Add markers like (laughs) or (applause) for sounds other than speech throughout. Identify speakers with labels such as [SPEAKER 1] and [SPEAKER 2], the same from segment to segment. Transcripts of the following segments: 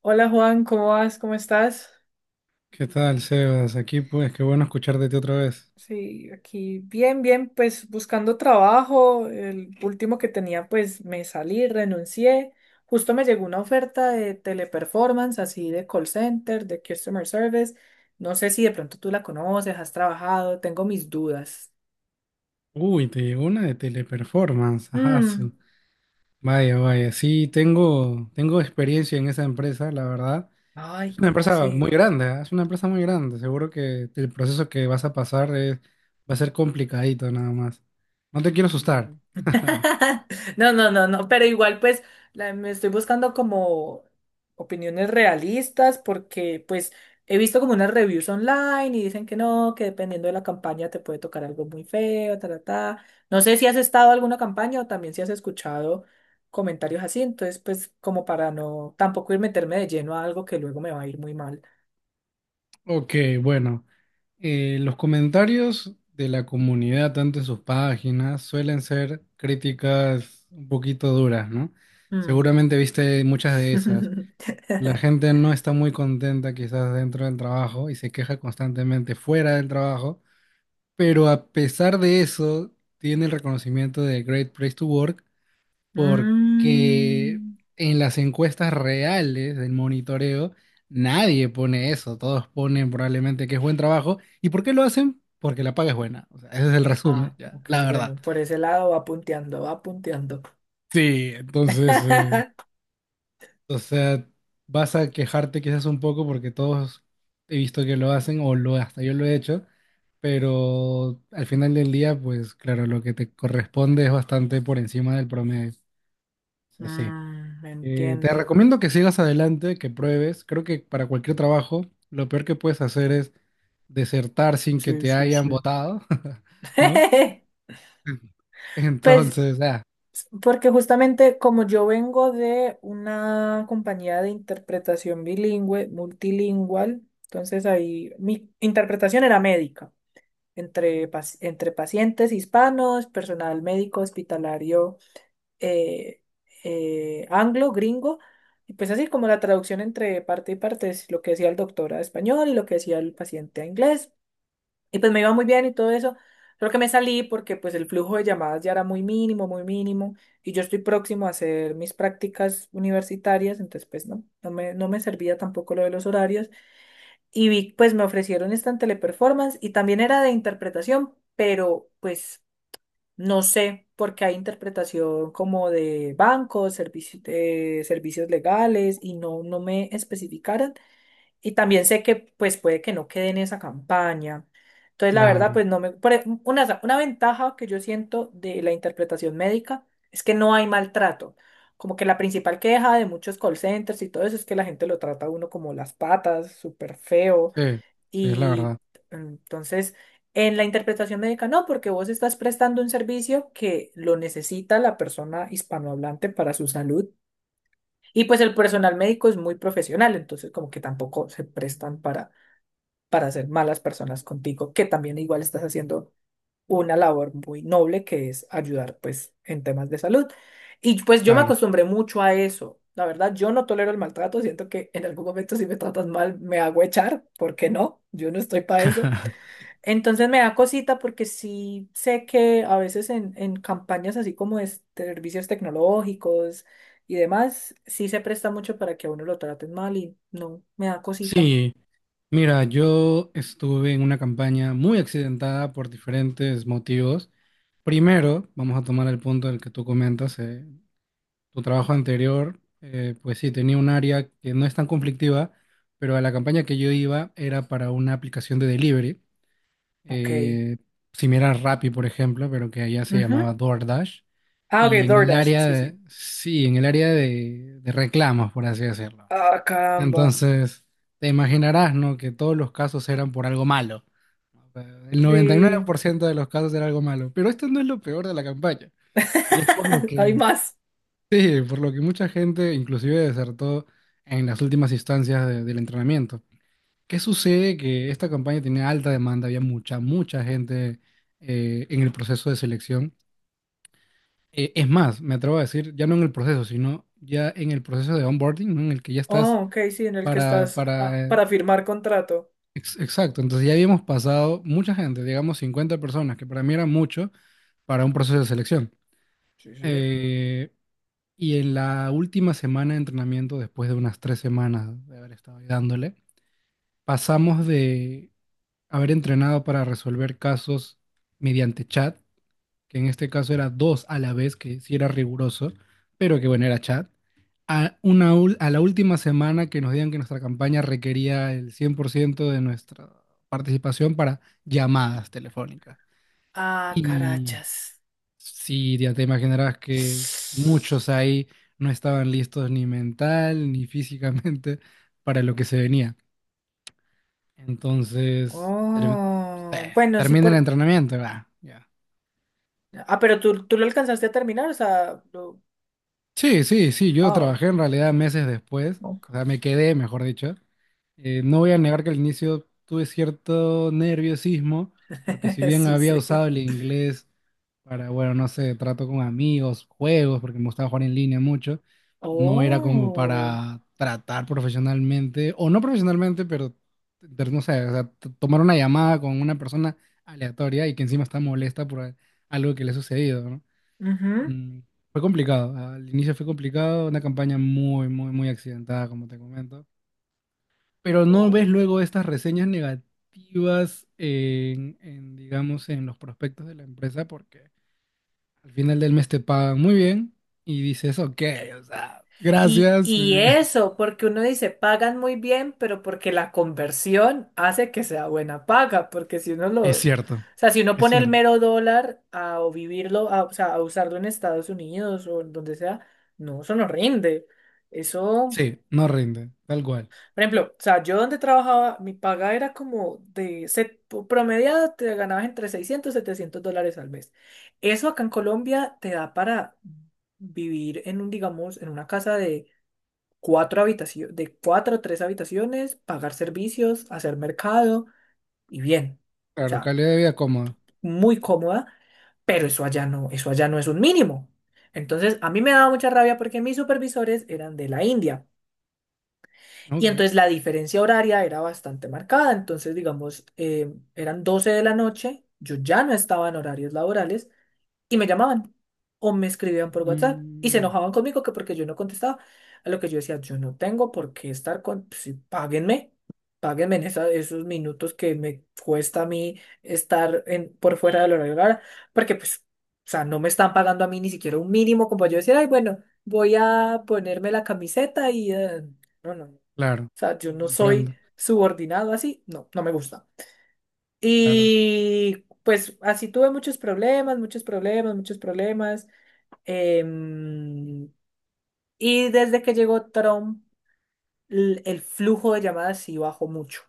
[SPEAKER 1] Hola Juan, ¿cómo vas? ¿Cómo estás?
[SPEAKER 2] ¿Qué tal, Sebas? Aquí pues, qué bueno escuchar de ti otra vez.
[SPEAKER 1] Sí, aquí bien, bien, pues buscando trabajo. El último que tenía, pues me salí, renuncié. Justo me llegó una oferta de Teleperformance, así de call center, de customer service. No sé si de pronto tú la conoces, has trabajado, tengo mis dudas.
[SPEAKER 2] Uy, te llegó una de teleperformance. Ajá,
[SPEAKER 1] Mm.
[SPEAKER 2] vaya, vaya. Sí, tengo experiencia en esa empresa, la verdad.
[SPEAKER 1] Ay,
[SPEAKER 2] Es una
[SPEAKER 1] ¿cómo
[SPEAKER 2] empresa
[SPEAKER 1] así?
[SPEAKER 2] muy grande, ¿ah? Es una empresa muy grande. Seguro que el proceso que vas a pasar va a ser complicadito nada más. No te quiero asustar.
[SPEAKER 1] Mm.
[SPEAKER 2] (laughs)
[SPEAKER 1] (laughs) No, no, no, no, pero igual pues me estoy buscando como opiniones realistas porque pues he visto como unas reviews online y dicen que no, que dependiendo de la campaña te puede tocar algo muy feo, ta, ta, ta. No sé si has estado en alguna campaña o también si has escuchado comentarios así, entonces pues como para no tampoco ir meterme de lleno a algo que luego me va a ir muy mal.
[SPEAKER 2] Ok, bueno, los comentarios de la comunidad, tanto en sus páginas, suelen ser críticas un poquito duras, ¿no?
[SPEAKER 1] Mm.
[SPEAKER 2] Seguramente viste muchas de esas. La
[SPEAKER 1] (laughs)
[SPEAKER 2] gente no está muy contenta quizás dentro del trabajo y se queja constantemente fuera del trabajo, pero a pesar de eso, tiene el reconocimiento de Great Place to Work porque
[SPEAKER 1] Mm.
[SPEAKER 2] en las encuestas reales del monitoreo nadie pone eso, todos ponen probablemente que es buen trabajo. ¿Y por qué lo hacen? Porque la paga es buena. O sea, ese es el resumen,
[SPEAKER 1] Ah,
[SPEAKER 2] ya,
[SPEAKER 1] ok,
[SPEAKER 2] la verdad.
[SPEAKER 1] bueno, por ese lado va punteando, va punteando.
[SPEAKER 2] Sí, entonces,
[SPEAKER 1] (laughs)
[SPEAKER 2] o sea, vas a quejarte quizás un poco porque todos he visto que lo hacen o lo hasta yo lo he hecho, pero al final del día, pues claro, lo que te corresponde es bastante por encima del promedio. O sea, sí.
[SPEAKER 1] Mm,
[SPEAKER 2] Te
[SPEAKER 1] entiendo.
[SPEAKER 2] recomiendo que sigas adelante, que pruebes. Creo que para cualquier trabajo, lo peor que puedes hacer es desertar sin que
[SPEAKER 1] Sí,
[SPEAKER 2] te
[SPEAKER 1] sí,
[SPEAKER 2] hayan
[SPEAKER 1] sí.
[SPEAKER 2] votado, (laughs) ¿no?
[SPEAKER 1] (laughs) Pues,
[SPEAKER 2] Entonces,
[SPEAKER 1] porque justamente como yo vengo de una compañía de interpretación bilingüe, multilingual, entonces ahí mi interpretación era médica, entre pacientes hispanos, personal médico hospitalario. eh, Anglo, gringo, y pues así como la traducción entre parte y parte es lo que decía el doctor a español y lo que decía el paciente a inglés, y pues me iba muy bien y todo eso. Creo que me salí porque pues el flujo de llamadas ya era muy mínimo, y yo estoy próximo a hacer mis prácticas universitarias, entonces pues no, no me servía tampoco lo de los horarios, y vi, pues me ofrecieron esta en Teleperformance y también era de interpretación, pero pues no sé, porque hay interpretación como de bancos, servicios legales y no, no me especificaron. Y también sé que pues puede que no quede en esa campaña. Entonces, la verdad,
[SPEAKER 2] claro,
[SPEAKER 1] pues no me, una ventaja que yo siento de la interpretación médica es que no hay maltrato. Como que la principal queja de muchos call centers y todo eso es que la gente lo trata a uno como las patas, súper feo.
[SPEAKER 2] sí, sí, es la
[SPEAKER 1] Y
[SPEAKER 2] verdad,
[SPEAKER 1] entonces, en la interpretación médica, no, porque vos estás prestando un servicio que lo necesita la persona hispanohablante para su salud. Y pues el personal médico es muy profesional, entonces como que tampoco se prestan para, ser malas personas contigo, que también igual estás haciendo una labor muy noble que es ayudar pues en temas de salud. Y pues yo me
[SPEAKER 2] claro.
[SPEAKER 1] acostumbré mucho a eso. La verdad, yo no tolero el maltrato, siento que en algún momento si me tratas mal me hago echar, ¿por qué no? Yo no estoy para eso. Entonces me da cosita porque sí sé que a veces en campañas así como de servicios tecnológicos y demás, sí se presta mucho para que a uno lo traten mal y no, me da cosita.
[SPEAKER 2] Sí, mira, yo estuve en una campaña muy accidentada por diferentes motivos. Primero, vamos a tomar el punto del que tú comentas, tu trabajo anterior, pues sí, tenía un área que no es tan conflictiva, pero a la campaña que yo iba era para una aplicación de delivery,
[SPEAKER 1] Ok.
[SPEAKER 2] eh, similar a Rappi, por ejemplo, pero que allá se
[SPEAKER 1] Ujú.
[SPEAKER 2] llamaba DoorDash.
[SPEAKER 1] Ah, ok,
[SPEAKER 2] Y en el
[SPEAKER 1] DoorDash,
[SPEAKER 2] área
[SPEAKER 1] sí, sí.
[SPEAKER 2] de, sí, en el área de reclamos, por así decirlo.
[SPEAKER 1] Ah, caramba.
[SPEAKER 2] Entonces, te imaginarás, ¿no? Que todos los casos eran por algo malo. O sea, el
[SPEAKER 1] Sí.
[SPEAKER 2] 99% de los casos era algo malo. Pero esto no es lo peor de la campaña. Y es por lo
[SPEAKER 1] (laughs) Hay
[SPEAKER 2] que
[SPEAKER 1] más.
[SPEAKER 2] sí, por lo que mucha gente inclusive desertó en las últimas instancias del entrenamiento. ¿Qué sucede? Que esta campaña tenía alta demanda, había mucha, mucha gente en el proceso de selección. Es más, me atrevo a decir, ya no en el proceso, sino ya en el proceso de onboarding, ¿no? En el que ya
[SPEAKER 1] Oh,
[SPEAKER 2] estás
[SPEAKER 1] ok, sí, en el que
[SPEAKER 2] para,
[SPEAKER 1] estás
[SPEAKER 2] para... eh,
[SPEAKER 1] para firmar contrato.
[SPEAKER 2] exacto, entonces ya habíamos pasado mucha gente, digamos 50 personas, que para mí era mucho para un proceso de selección.
[SPEAKER 1] Sí, sí.
[SPEAKER 2] Eh, Y en la última semana de entrenamiento, después de unas tres semanas de haber estado ahí dándole, pasamos de haber entrenado para resolver casos mediante chat, que en este caso era dos a la vez, que sí era riguroso, pero que bueno, era chat, a la última semana que nos digan que nuestra campaña requería el 100% de nuestra participación para llamadas telefónicas.
[SPEAKER 1] Ah, carachas.
[SPEAKER 2] Sí, ya te imaginarás que muchos ahí no estaban listos ni mental ni (laughs) físicamente para lo que se venía. Entonces,
[SPEAKER 1] Oh, bueno, sí,
[SPEAKER 2] termina el
[SPEAKER 1] por.
[SPEAKER 2] entrenamiento, va, ya.
[SPEAKER 1] Ah, pero tú lo alcanzaste a terminar, o sea, lo-.
[SPEAKER 2] Sí, sí, sí, yo
[SPEAKER 1] Ah,
[SPEAKER 2] trabajé en realidad meses después, o sea,
[SPEAKER 1] ok.
[SPEAKER 2] me quedé, mejor dicho. No voy a negar que al inicio tuve cierto nerviosismo, porque si
[SPEAKER 1] (laughs)
[SPEAKER 2] bien
[SPEAKER 1] Sí,
[SPEAKER 2] había
[SPEAKER 1] sí.
[SPEAKER 2] usado el inglés para, bueno, no sé, trato con amigos, juegos, porque me gustaba jugar en línea mucho, no era como
[SPEAKER 1] Oh,
[SPEAKER 2] para tratar profesionalmente, o no profesionalmente, pero no sé, o sea, tomar una llamada con una persona aleatoria y que encima está molesta por algo que le ha sucedido, ¿no?
[SPEAKER 1] ujú.
[SPEAKER 2] Mm, fue complicado, al inicio fue complicado, una campaña muy, muy, muy accidentada, como te comento. Pero no ves
[SPEAKER 1] No.
[SPEAKER 2] luego estas reseñas negativas digamos, en los prospectos de la empresa porque al final del mes te pagan muy bien y dices, ok, o sea, gracias.
[SPEAKER 1] Y
[SPEAKER 2] (laughs)
[SPEAKER 1] eso, porque uno dice, pagan muy bien, pero porque la conversión hace que sea buena paga, porque si uno lo,
[SPEAKER 2] Es
[SPEAKER 1] o
[SPEAKER 2] cierto,
[SPEAKER 1] sea, si uno
[SPEAKER 2] es
[SPEAKER 1] pone el
[SPEAKER 2] cierto.
[SPEAKER 1] mero dólar a o vivirlo, a, o sea, a usarlo en Estados Unidos o en donde sea, no, eso no rinde. Eso.
[SPEAKER 2] Sí, no rinde, tal cual.
[SPEAKER 1] Por ejemplo, o sea, yo donde trabajaba, mi paga era como de set, promediada, te ganabas entre 600 y $700 al mes. Eso acá en Colombia te da para vivir en un, digamos, en una casa de cuatro habitaciones, de cuatro o tres habitaciones, pagar servicios, hacer mercado y bien. O
[SPEAKER 2] Claro,
[SPEAKER 1] sea,
[SPEAKER 2] calidad de vida cómoda.
[SPEAKER 1] muy cómoda, pero eso allá no es un mínimo. Entonces, a mí me daba mucha rabia porque mis supervisores eran de la India.
[SPEAKER 2] ¿No?
[SPEAKER 1] Y
[SPEAKER 2] Ok.
[SPEAKER 1] entonces la diferencia horaria era bastante marcada. Entonces, digamos, eran 12 de la noche, yo ya no estaba en horarios laborales y me llamaban o me escribían por WhatsApp y se
[SPEAKER 2] Mm,
[SPEAKER 1] enojaban conmigo que porque yo no contestaba. A lo que yo decía, yo no tengo por qué estar con, si páguenme, páguenme en esos minutos que me cuesta a mí estar en, por fuera del horario laboral, porque pues, o sea, no me están pagando a mí ni siquiera un mínimo como para yo decir, ay, bueno, voy a ponerme la camiseta y, no, no, no.
[SPEAKER 2] claro,
[SPEAKER 1] O sea, yo
[SPEAKER 2] lo
[SPEAKER 1] no soy
[SPEAKER 2] comprendo.
[SPEAKER 1] subordinado así, no, no me gusta.
[SPEAKER 2] Claro.
[SPEAKER 1] Y pues así tuve muchos problemas, muchos problemas, muchos problemas. em, y desde que llegó Trump, flujo de llamadas sí bajó mucho.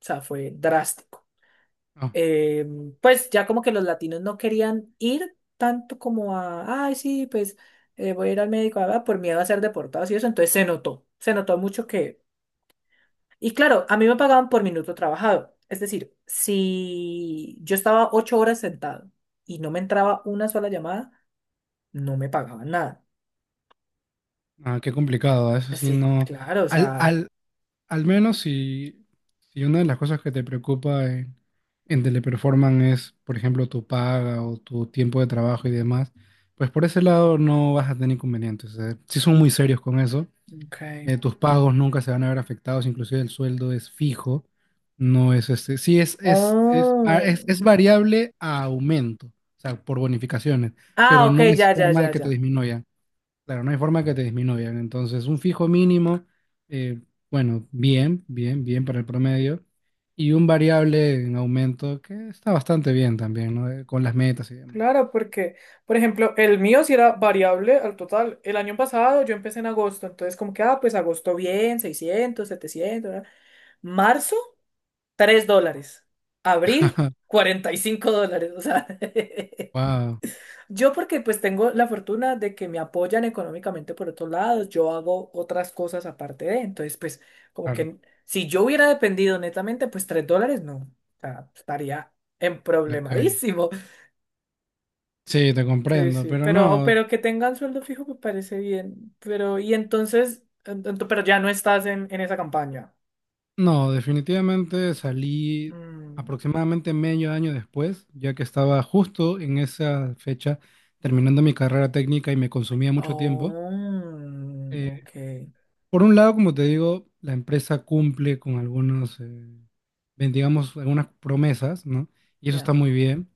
[SPEAKER 1] O sea, fue drástico.
[SPEAKER 2] No,
[SPEAKER 1] Pues ya como que los latinos no querían ir tanto como a, ay, sí, pues voy a ir al médico, por miedo a ser deportados y eso. Entonces se notó mucho que. Y claro, a mí me pagaban por minuto trabajado. Es decir, si yo estaba 8 horas sentado y no me entraba una sola llamada, no me pagaban nada.
[SPEAKER 2] ah, qué complicado, eso sí
[SPEAKER 1] Sí,
[SPEAKER 2] no.
[SPEAKER 1] claro, o
[SPEAKER 2] Al,
[SPEAKER 1] sea.
[SPEAKER 2] al, al menos si una de las cosas que te preocupa en Teleperformance es, por ejemplo, tu paga o tu tiempo de trabajo y demás, pues por ese lado no vas a tener inconvenientes. Si sí son muy serios con eso.
[SPEAKER 1] Ok.
[SPEAKER 2] Tus pagos nunca se van a ver afectados, inclusive el sueldo es fijo, no es este. Sí,
[SPEAKER 1] Oh.
[SPEAKER 2] es variable a aumento, o sea, por bonificaciones,
[SPEAKER 1] Ah,
[SPEAKER 2] pero
[SPEAKER 1] ok,
[SPEAKER 2] no es
[SPEAKER 1] ya, ya,
[SPEAKER 2] forma de
[SPEAKER 1] ya,
[SPEAKER 2] que te
[SPEAKER 1] ya.
[SPEAKER 2] disminuya. Claro, no hay forma que te disminuyan. Entonces, un fijo mínimo, eh, bueno, bien, bien, bien para el promedio. Y un variable en aumento que está bastante bien también, ¿no? Con las metas y demás.
[SPEAKER 1] Claro, porque, por ejemplo, el mío sí era variable al total. El año pasado yo empecé en agosto, entonces como que, pues agosto bien, 600, 700 ¿verdad? Marzo, $3. Abril,
[SPEAKER 2] (laughs)
[SPEAKER 1] $45. O sea, (laughs)
[SPEAKER 2] Wow,
[SPEAKER 1] Yo porque pues tengo la fortuna de que me apoyan económicamente por otros lados, yo hago otras cosas aparte de, entonces pues como
[SPEAKER 2] claro,
[SPEAKER 1] que si yo hubiera dependido netamente, pues $3 no, o sea, estaría en
[SPEAKER 2] la calle.
[SPEAKER 1] problemadísimo.
[SPEAKER 2] Sí, te
[SPEAKER 1] Sí,
[SPEAKER 2] comprendo,
[SPEAKER 1] sí,
[SPEAKER 2] pero
[SPEAKER 1] pero,
[SPEAKER 2] no,
[SPEAKER 1] que tengan sueldo fijo me parece bien, pero y entonces, pero ya no estás en esa campaña.
[SPEAKER 2] no, definitivamente salí
[SPEAKER 1] Mm.
[SPEAKER 2] aproximadamente medio año después, ya que estaba justo en esa fecha terminando mi carrera técnica y me consumía mucho tiempo.
[SPEAKER 1] Oh, ok,
[SPEAKER 2] Por un lado, como te digo, la empresa cumple con algunos, digamos, algunas promesas, ¿no? Y eso está
[SPEAKER 1] ya,
[SPEAKER 2] muy bien.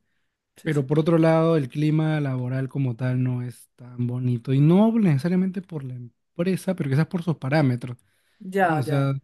[SPEAKER 1] sí,
[SPEAKER 2] Pero
[SPEAKER 1] sí,
[SPEAKER 2] por otro lado, el clima laboral como tal no es tan bonito. Y no necesariamente por la empresa, pero quizás por sus parámetros. ¿No?
[SPEAKER 1] ya,
[SPEAKER 2] O
[SPEAKER 1] ya.
[SPEAKER 2] sea,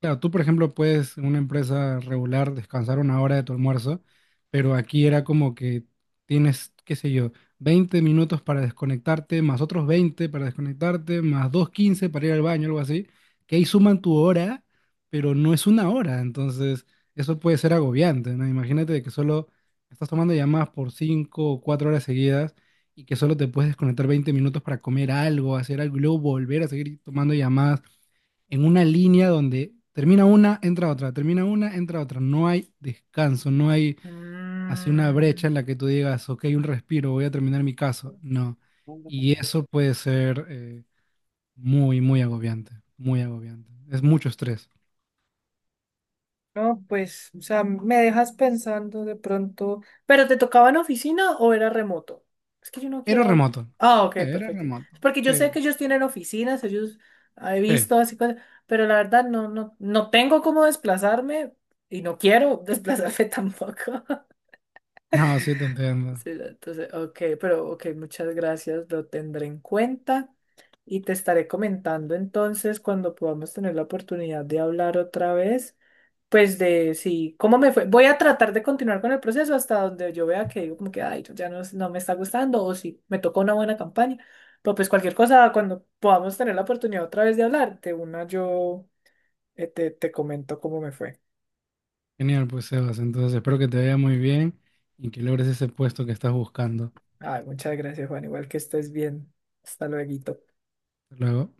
[SPEAKER 2] claro, tú, por ejemplo, puedes en una empresa regular descansar una hora de tu almuerzo, pero aquí era como que tienes, qué sé yo, 20 minutos para desconectarte, más otros 20 para desconectarte, más 2 de 15 para ir al baño, algo así, que ahí suman tu hora, pero no es una hora, entonces eso puede ser agobiante, ¿no? Imagínate que solo estás tomando llamadas por 5 o 4 horas seguidas, y que solo te puedes desconectar 20 minutos para comer algo, hacer algo y luego volver a seguir tomando llamadas en una línea donde termina una, entra otra, termina una, entra otra. No hay descanso, no hay así una brecha en
[SPEAKER 1] Mm.
[SPEAKER 2] la que tú digas, ok, un respiro, voy a terminar mi caso. No. Y eso puede ser muy, muy agobiante, muy agobiante. Es mucho estrés.
[SPEAKER 1] No, pues, o sea, me dejas pensando de pronto. ¿Pero te tocaba en oficina o era remoto? Es que yo no
[SPEAKER 2] Era
[SPEAKER 1] quiero.
[SPEAKER 2] remoto.
[SPEAKER 1] Ah, ok,
[SPEAKER 2] Sí, era
[SPEAKER 1] perfecto.
[SPEAKER 2] remoto.
[SPEAKER 1] Es porque yo
[SPEAKER 2] Sí,
[SPEAKER 1] sé que ellos tienen oficinas, ellos he
[SPEAKER 2] sí.
[SPEAKER 1] visto así cosas, pero la verdad no, no, no tengo cómo desplazarme y no quiero (laughs) desplazarme tampoco. (laughs)
[SPEAKER 2] No, sí te entiendo.
[SPEAKER 1] Sí, entonces, ok, pero ok, muchas gracias, lo tendré en cuenta y te estaré comentando entonces cuando podamos tener la oportunidad de hablar otra vez. Pues de sí, ¿cómo me fue? Voy a tratar de continuar con el proceso hasta donde yo vea que digo como que, ay, ya no, no me está gustando o si me tocó una buena campaña. Pero pues cualquier cosa, cuando podamos tener la oportunidad otra vez de hablar, de una yo te comento cómo me fue.
[SPEAKER 2] Genial, pues Sebas. Entonces espero que te vaya muy bien y que logres ese puesto que estás buscando.
[SPEAKER 1] Ay, muchas gracias, Juan. Igual que estés bien. Hasta luego.
[SPEAKER 2] Hasta luego.